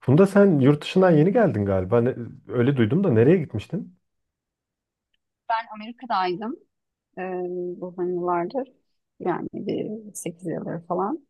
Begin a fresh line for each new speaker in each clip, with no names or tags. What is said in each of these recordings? Funda sen yurt dışından yeni geldin galiba. Öyle duydum da nereye gitmiştin?
Ben Amerika'daydım, e, uzun yıllardır. Yani bir 8 yıldır falan.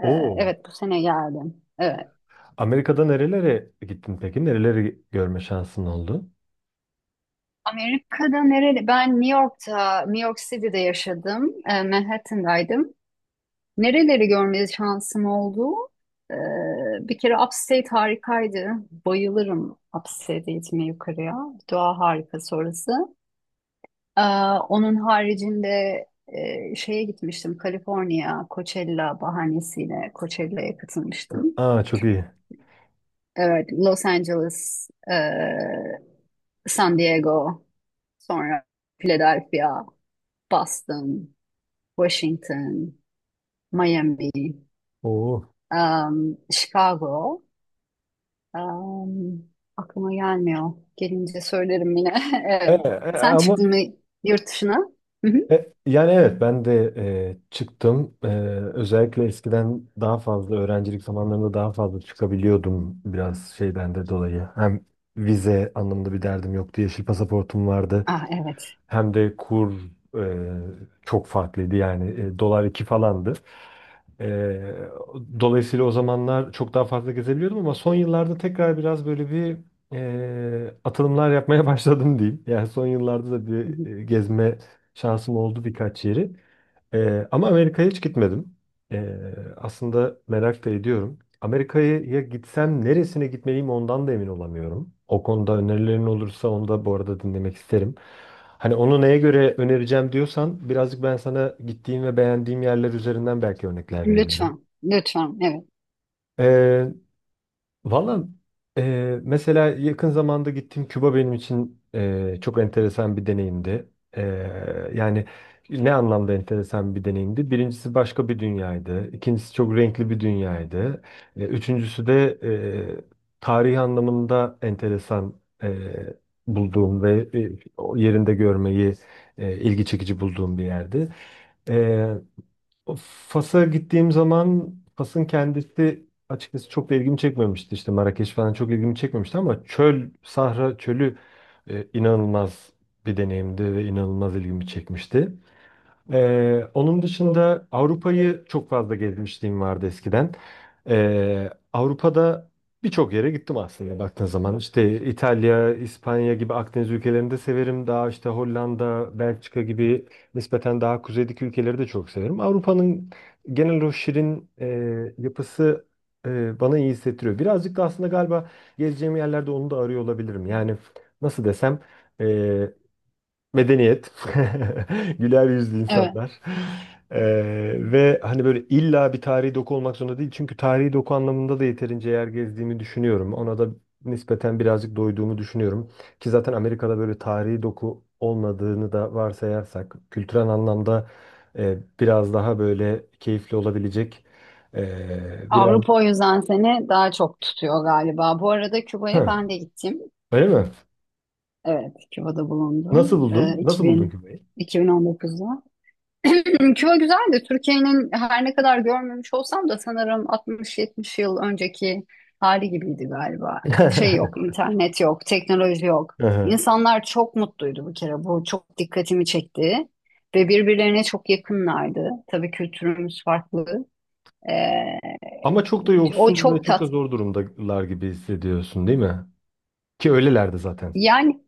E,
Oo.
evet, bu sene geldim. Evet.
Amerika'da nerelere gittin peki? Nereleri görme şansın oldu?
Amerika'da nereli? Ben New York'ta, New York City'de yaşadım. Manhattan'daydım. Nereleri görme şansım oldu? E, Bir kere Upstate harikaydı. Bayılırım Upstate'e gitmeye yukarıya. Doğa harikası orası. Ee, Onun haricinde şeye gitmiştim, Kaliforniya, Coachella bahanesiyle Coachella'ya katılmıştım.
Aa çok iyi.
Evet, Los Angeles, San Diego, sonra Philadelphia, Boston, Washington, Miami,
Oo.
Chicago. Um, aklıma gelmiyor. Gelince söylerim yine.
E,
Evet.
e,
Sen
ama
çıktın mı yurt dışına? Hı hı.
yani evet ben de çıktım. Özellikle eskiden daha fazla öğrencilik zamanlarında daha fazla çıkabiliyordum biraz şeyden de dolayı. Hem vize anlamında bir derdim yoktu. Yeşil pasaportum vardı.
Ah, evet.
Hem de kur e, çok farklıydı yani dolar 2 falandı. E, Dolayısıyla o zamanlar çok daha fazla gezebiliyordum ama son yıllarda tekrar biraz böyle bir atılımlar yapmaya başladım diyeyim. Yani son yıllarda da
Hı
bir
hı.
gezme şansım oldu birkaç yeri. Ama Amerika'ya hiç gitmedim. Ee, Aslında merak da ediyorum. Amerika'ya ya gitsem neresine gitmeliyim ondan da emin olamıyorum. O konuda önerilerin olursa onu da bu arada dinlemek isterim. Hani onu neye göre önereceğim diyorsan birazcık ben sana gittiğim ve beğendiğim yerler üzerinden belki örnekler verebilirim.
Lütfen, lütfen. Evet.
Ee, Valla mesela yakın zamanda gittiğim Küba benim için çok enteresan bir deneyimdi. Yani ne anlamda enteresan bir deneyimdi? Birincisi başka bir dünyaydı. İkincisi çok renkli bir dünyaydı. Üçüncüsü de tarihi anlamında enteresan eee, bulduğum ve o yerinde görmeyi ilgi çekici bulduğum bir yerdi. O Fas'a gittiğim zaman Fas'ın kendisi açıkçası çok da ilgimi çekmemişti. İşte Marrakeş falan çok ilgimi çekmemişti ama çöl, Sahra çölü inanılmaz bir deneyimdi ve inanılmaz ilgimi çekmişti. Onun dışında Avrupa'yı çok fazla gezmişliğim vardı eskiden. Avrupa'da birçok yere gittim aslında baktığın zaman. İşte İtalya, İspanya gibi Akdeniz ülkelerini de severim. Daha işte Hollanda, Belçika gibi nispeten daha kuzeydeki ülkeleri de çok severim. Avrupa'nın genel o şirin yapısı bana iyi hissettiriyor. Birazcık da aslında galiba gezeceğim yerlerde onu da arıyor olabilirim. Yani nasıl desem, e, medeniyet, güler yüzlü
Evet.
insanlar. Ve hani böyle illa bir tarihi doku olmak zorunda değil. Çünkü tarihi doku anlamında da yeterince yer gezdiğimi düşünüyorum. Ona da nispeten birazcık doyduğumu düşünüyorum. Ki zaten Amerika'da böyle tarihi doku olmadığını da varsayarsak kültürel anlamda biraz daha böyle keyifli olabilecek biraz.
Avrupa o yüzden seni daha çok tutuyor galiba. Bu arada Küba'ya
Hı,
ben de gittim.
öyle mi?
Evet, Küba'da bulundum.
Nasıl buldun?
Ee,
Nasıl buldun
2000,
Küba'yı?
2019'da. Küba güzeldi. Türkiye'nin her ne kadar görmemiş olsam da sanırım 60-70 yıl önceki hali gibiydi galiba. Şey yok, internet yok, teknoloji yok. İnsanlar çok mutluydu bir kere. Bu çok dikkatimi çekti. Ve birbirlerine çok yakınlardı. Tabii kültürümüz farklı. Ee,
Ama çok da
O
yoksul ve
çok
çok da
tat.
zor durumdalar gibi hissediyorsun, değil mi? Ki öylelerdi zaten.
Yani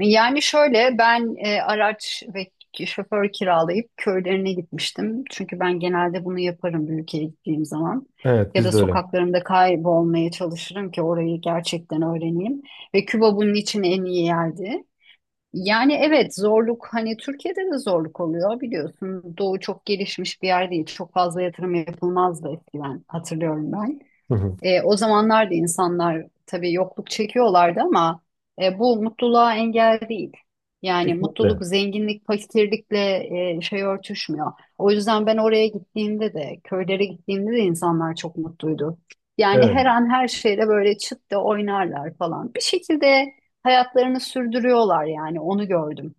Yani şöyle ben, araç ve şoför kiralayıp köylerine gitmiştim. Çünkü ben genelde bunu yaparım bir ülkeye gittiğim zaman.
Evet,
Ya
biz
da
de öyle.
sokaklarımda kaybolmaya çalışırım ki orayı gerçekten öğreneyim. Ve Küba bunun için en iyi yerdi. Yani evet, zorluk hani Türkiye'de de zorluk oluyor biliyorsun. Doğu çok gelişmiş bir yer değil. Çok fazla yatırım yapılmazdı eskiden, hatırlıyorum ben.
Hı hı.
O zamanlar da insanlar tabii yokluk çekiyorlardı ama bu mutluluğa engel değil. Yani mutluluk,
Kesinlikle.
zenginlik, fakirlikle şey örtüşmüyor. O yüzden ben oraya gittiğimde de, köylere gittiğimde de insanlar çok mutluydu. Yani
Evet.
her an her şeyle böyle çıt da oynarlar falan. Bir şekilde hayatlarını sürdürüyorlar, yani onu gördüm,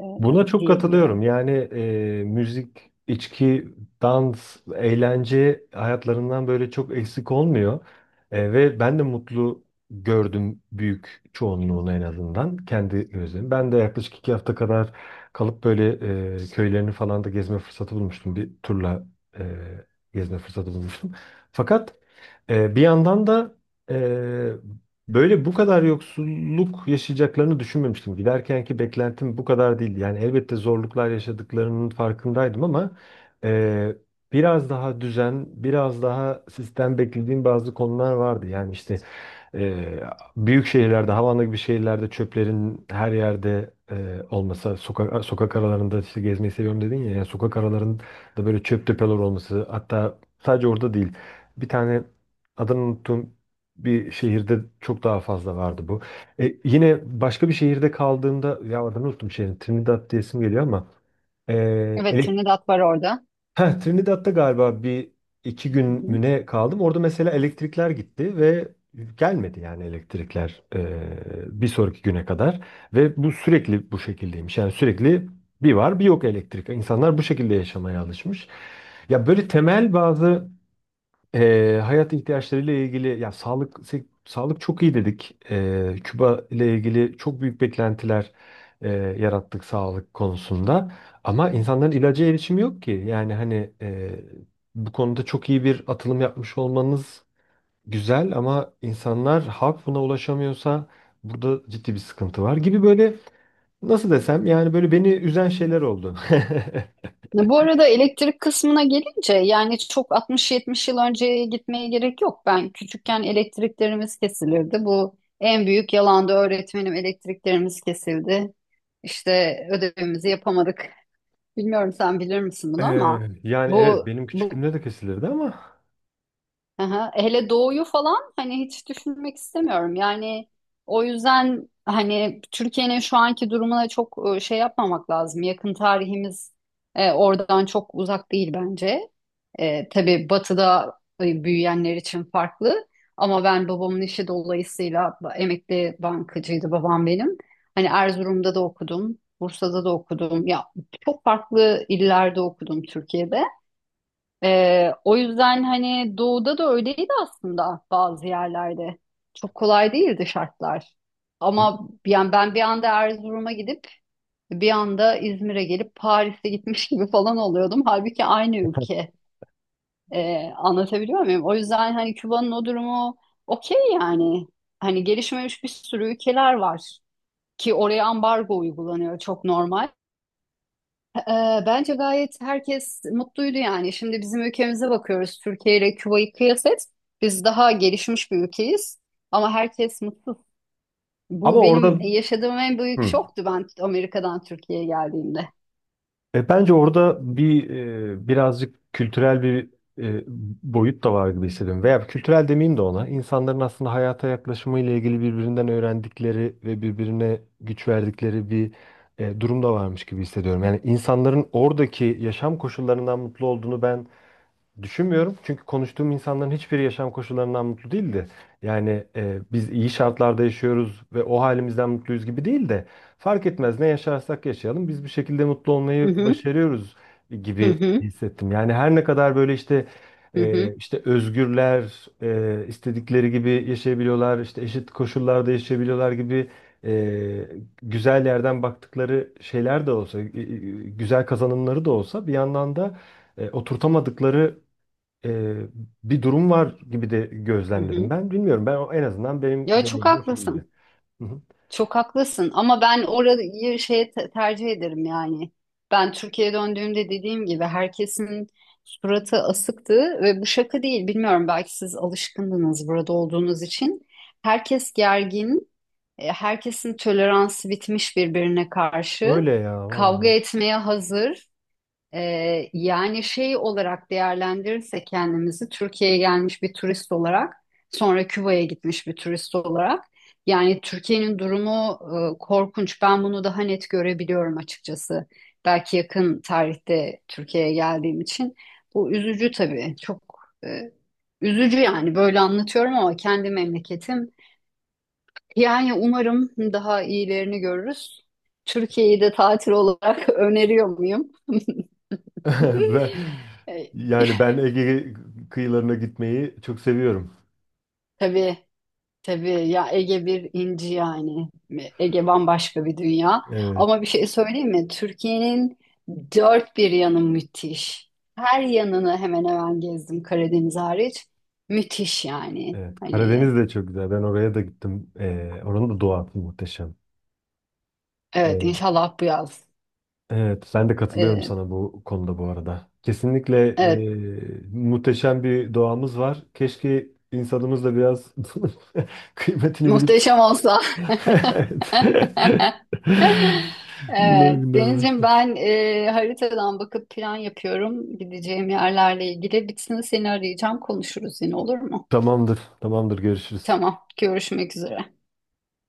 e,
Buna çok katılıyorum.
diyebilirim.
Yani müzik, içki, dans, eğlence hayatlarından böyle çok eksik olmuyor. Ve ben de mutlu gördüm büyük çoğunluğunu en azından kendi gözlerim. Ben de yaklaşık 2 hafta kadar kalıp böyle köylerini falan da gezme fırsatı bulmuştum. Bir turla e, gezme fırsatı bulmuştum. Fakat bir yandan da e, Böyle bu kadar yoksulluk yaşayacaklarını düşünmemiştim. Giderkenki beklentim bu kadar değildi. Yani elbette zorluklar yaşadıklarının farkındaydım ama e, biraz daha düzen, biraz daha sistem beklediğim bazı konular vardı. Yani işte e, büyük şehirlerde, Havana gibi şehirlerde çöplerin her yerde olması, sokak aralarında işte gezmeyi seviyorum dedin ya, yani sokak aralarında böyle çöp tepeler olması, hatta sadece orada değil. Bir tane adını unuttum bir şehirde çok daha fazla vardı bu. Yine başka bir şehirde kaldığımda ya adını unuttum şehrin Trinidad diyesim geliyor ama e,
Evet,
elek-
Trinidad var orada.
heh, Trinidad'da galiba bir iki
Hı
gün
hı.
müne kaldım. Orada mesela elektrikler gitti ve gelmedi yani elektrikler bir sonraki güne kadar ve bu sürekli bu şekildeymiş. Yani sürekli bir var bir yok elektrik. İnsanlar bu şekilde yaşamaya alışmış. Ya böyle temel bazı hayat ihtiyaçlarıyla ilgili ya sağlık çok iyi dedik. Küba ile ilgili çok büyük beklentiler eee, yarattık sağlık konusunda. Ama insanların ilaca erişimi yok ki. Yani hani bu konuda çok iyi bir atılım yapmış olmanız güzel ama insanlar halk buna ulaşamıyorsa burada ciddi bir sıkıntı var gibi böyle nasıl desem, yani böyle beni üzen şeyler oldu.
Bu arada elektrik kısmına gelince yani çok 60-70 yıl önceye gitmeye gerek yok. Ben küçükken elektriklerimiz kesilirdi. Bu en büyük yalandı. Öğretmenim elektriklerimiz kesildi. İşte ödevimizi yapamadık. Bilmiyorum sen bilir misin bunu ama
Yani evet
bu
benim
bu
küçüklüğümde de kesilirdi ama
aha, hele doğuyu falan hani hiç düşünmek istemiyorum. Yani o yüzden hani Türkiye'nin şu anki durumuna çok şey yapmamak lazım. Yakın tarihimiz oradan çok uzak değil bence. Tabii batıda büyüyenler için farklı, ama ben babamın işi dolayısıyla emekli bankacıydı babam benim. Hani Erzurum'da da okudum, Bursa'da da okudum. Ya çok farklı illerde okudum Türkiye'de. O yüzden hani doğuda da öyleydi aslında bazı yerlerde. Çok kolay değildi şartlar. Ama yani ben bir anda Erzurum'a gidip bir anda İzmir'e gelip Paris'e gitmiş gibi falan oluyordum. Halbuki aynı ülke. Anlatabiliyor muyum? O yüzden hani Küba'nın o durumu okey yani. Hani gelişmemiş bir sürü ülkeler var ki oraya ambargo uygulanıyor, çok normal. Bence gayet herkes mutluydu yani. Şimdi bizim ülkemize bakıyoruz. Türkiye ile Küba'yı kıyas et. Biz daha gelişmiş bir ülkeyiz ama herkes mutsuz.
ama
Bu benim
orada.
yaşadığım en büyük
Hı.
şoktu, ben Amerika'dan Türkiye'ye geldiğimde.
Bence orada bir birazcık kültürel bir e, boyut da var gibi hissediyorum. Veya kültürel demeyeyim de ona. İnsanların aslında hayata yaklaşımı ile ilgili birbirinden öğrendikleri ve birbirine güç verdikleri bir durum da varmış gibi hissediyorum. Yani insanların oradaki yaşam koşullarından mutlu olduğunu ben düşünmüyorum çünkü konuştuğum insanların hiçbiri yaşam koşullarından mutlu değildi. Yani biz iyi şartlarda yaşıyoruz ve o halimizden mutluyuz gibi değil de fark etmez ne yaşarsak yaşayalım biz bir şekilde mutlu
Hı
olmayı
hı,
başarıyoruz
hı
gibi
hı,
hissettim. Yani her ne kadar böyle işte
hı hı,
işte özgürler, istedikleri gibi yaşayabiliyorlar, işte eşit koşullarda yaşayabiliyorlar gibi e, güzel yerden baktıkları şeyler de olsa, güzel kazanımları da olsa bir yandan da oturtamadıkları e, bir durum var gibi de
hı
gözlemledim
hı.
ben. Bilmiyorum ben en azından benim
Ya çok
deneyimim o şekilde.
haklısın.
Hı hı.
Çok haklısın ama ben orayı şeye tercih ederim yani. Ben Türkiye'ye döndüğümde dediğim gibi herkesin suratı asıktı ve bu şaka değil. Bilmiyorum, belki siz alışkındınız burada olduğunuz için. Herkes gergin, herkesin toleransı bitmiş birbirine karşı.
Öyle ya
Kavga
vallahi.
etmeye hazır. Yani şey olarak değerlendirirsek kendimizi, Türkiye'ye gelmiş bir turist olarak, sonra Küba'ya gitmiş bir turist olarak, yani Türkiye'nin durumu korkunç. Ben bunu daha net görebiliyorum açıkçası. Belki yakın tarihte Türkiye'ye geldiğim için. Bu üzücü tabii. Çok e, üzücü yani, böyle anlatıyorum ama kendi memleketim. Yani umarım daha iyilerini görürüz. Türkiye'yi de tatil olarak öneriyor muyum?
Ben,
E,
yani ben Ege kıyılarına gitmeyi çok seviyorum.
tabii Tabii ya, Ege bir inci yani. Ege bambaşka bir dünya.
Evet,
Ama bir şey söyleyeyim mi? Türkiye'nin dört bir yanı müthiş. Her yanını hemen hemen gezdim, Karadeniz hariç. Müthiş yani.
evet.
Hani
Karadeniz de çok güzel. Ben oraya da gittim. Oranın da doğası muhteşem.
evet,
E,
inşallah bu yaz.
evet, ben de katılıyorum
Ee,
sana bu konuda bu arada. Kesinlikle
evet,
muhteşem bir doğamız var. Keşke insanımız da biraz kıymetini bilip.
muhteşem olsa.
Evet. Bunlar
Evet,
günler.
Denizciğim, ben haritadan bakıp plan yapıyorum gideceğim yerlerle ilgili. Bitsin, seni arayacağım, konuşuruz yine, olur mu?
Tamamdır. Tamamdır. Görüşürüz.
Tamam. Görüşmek üzere.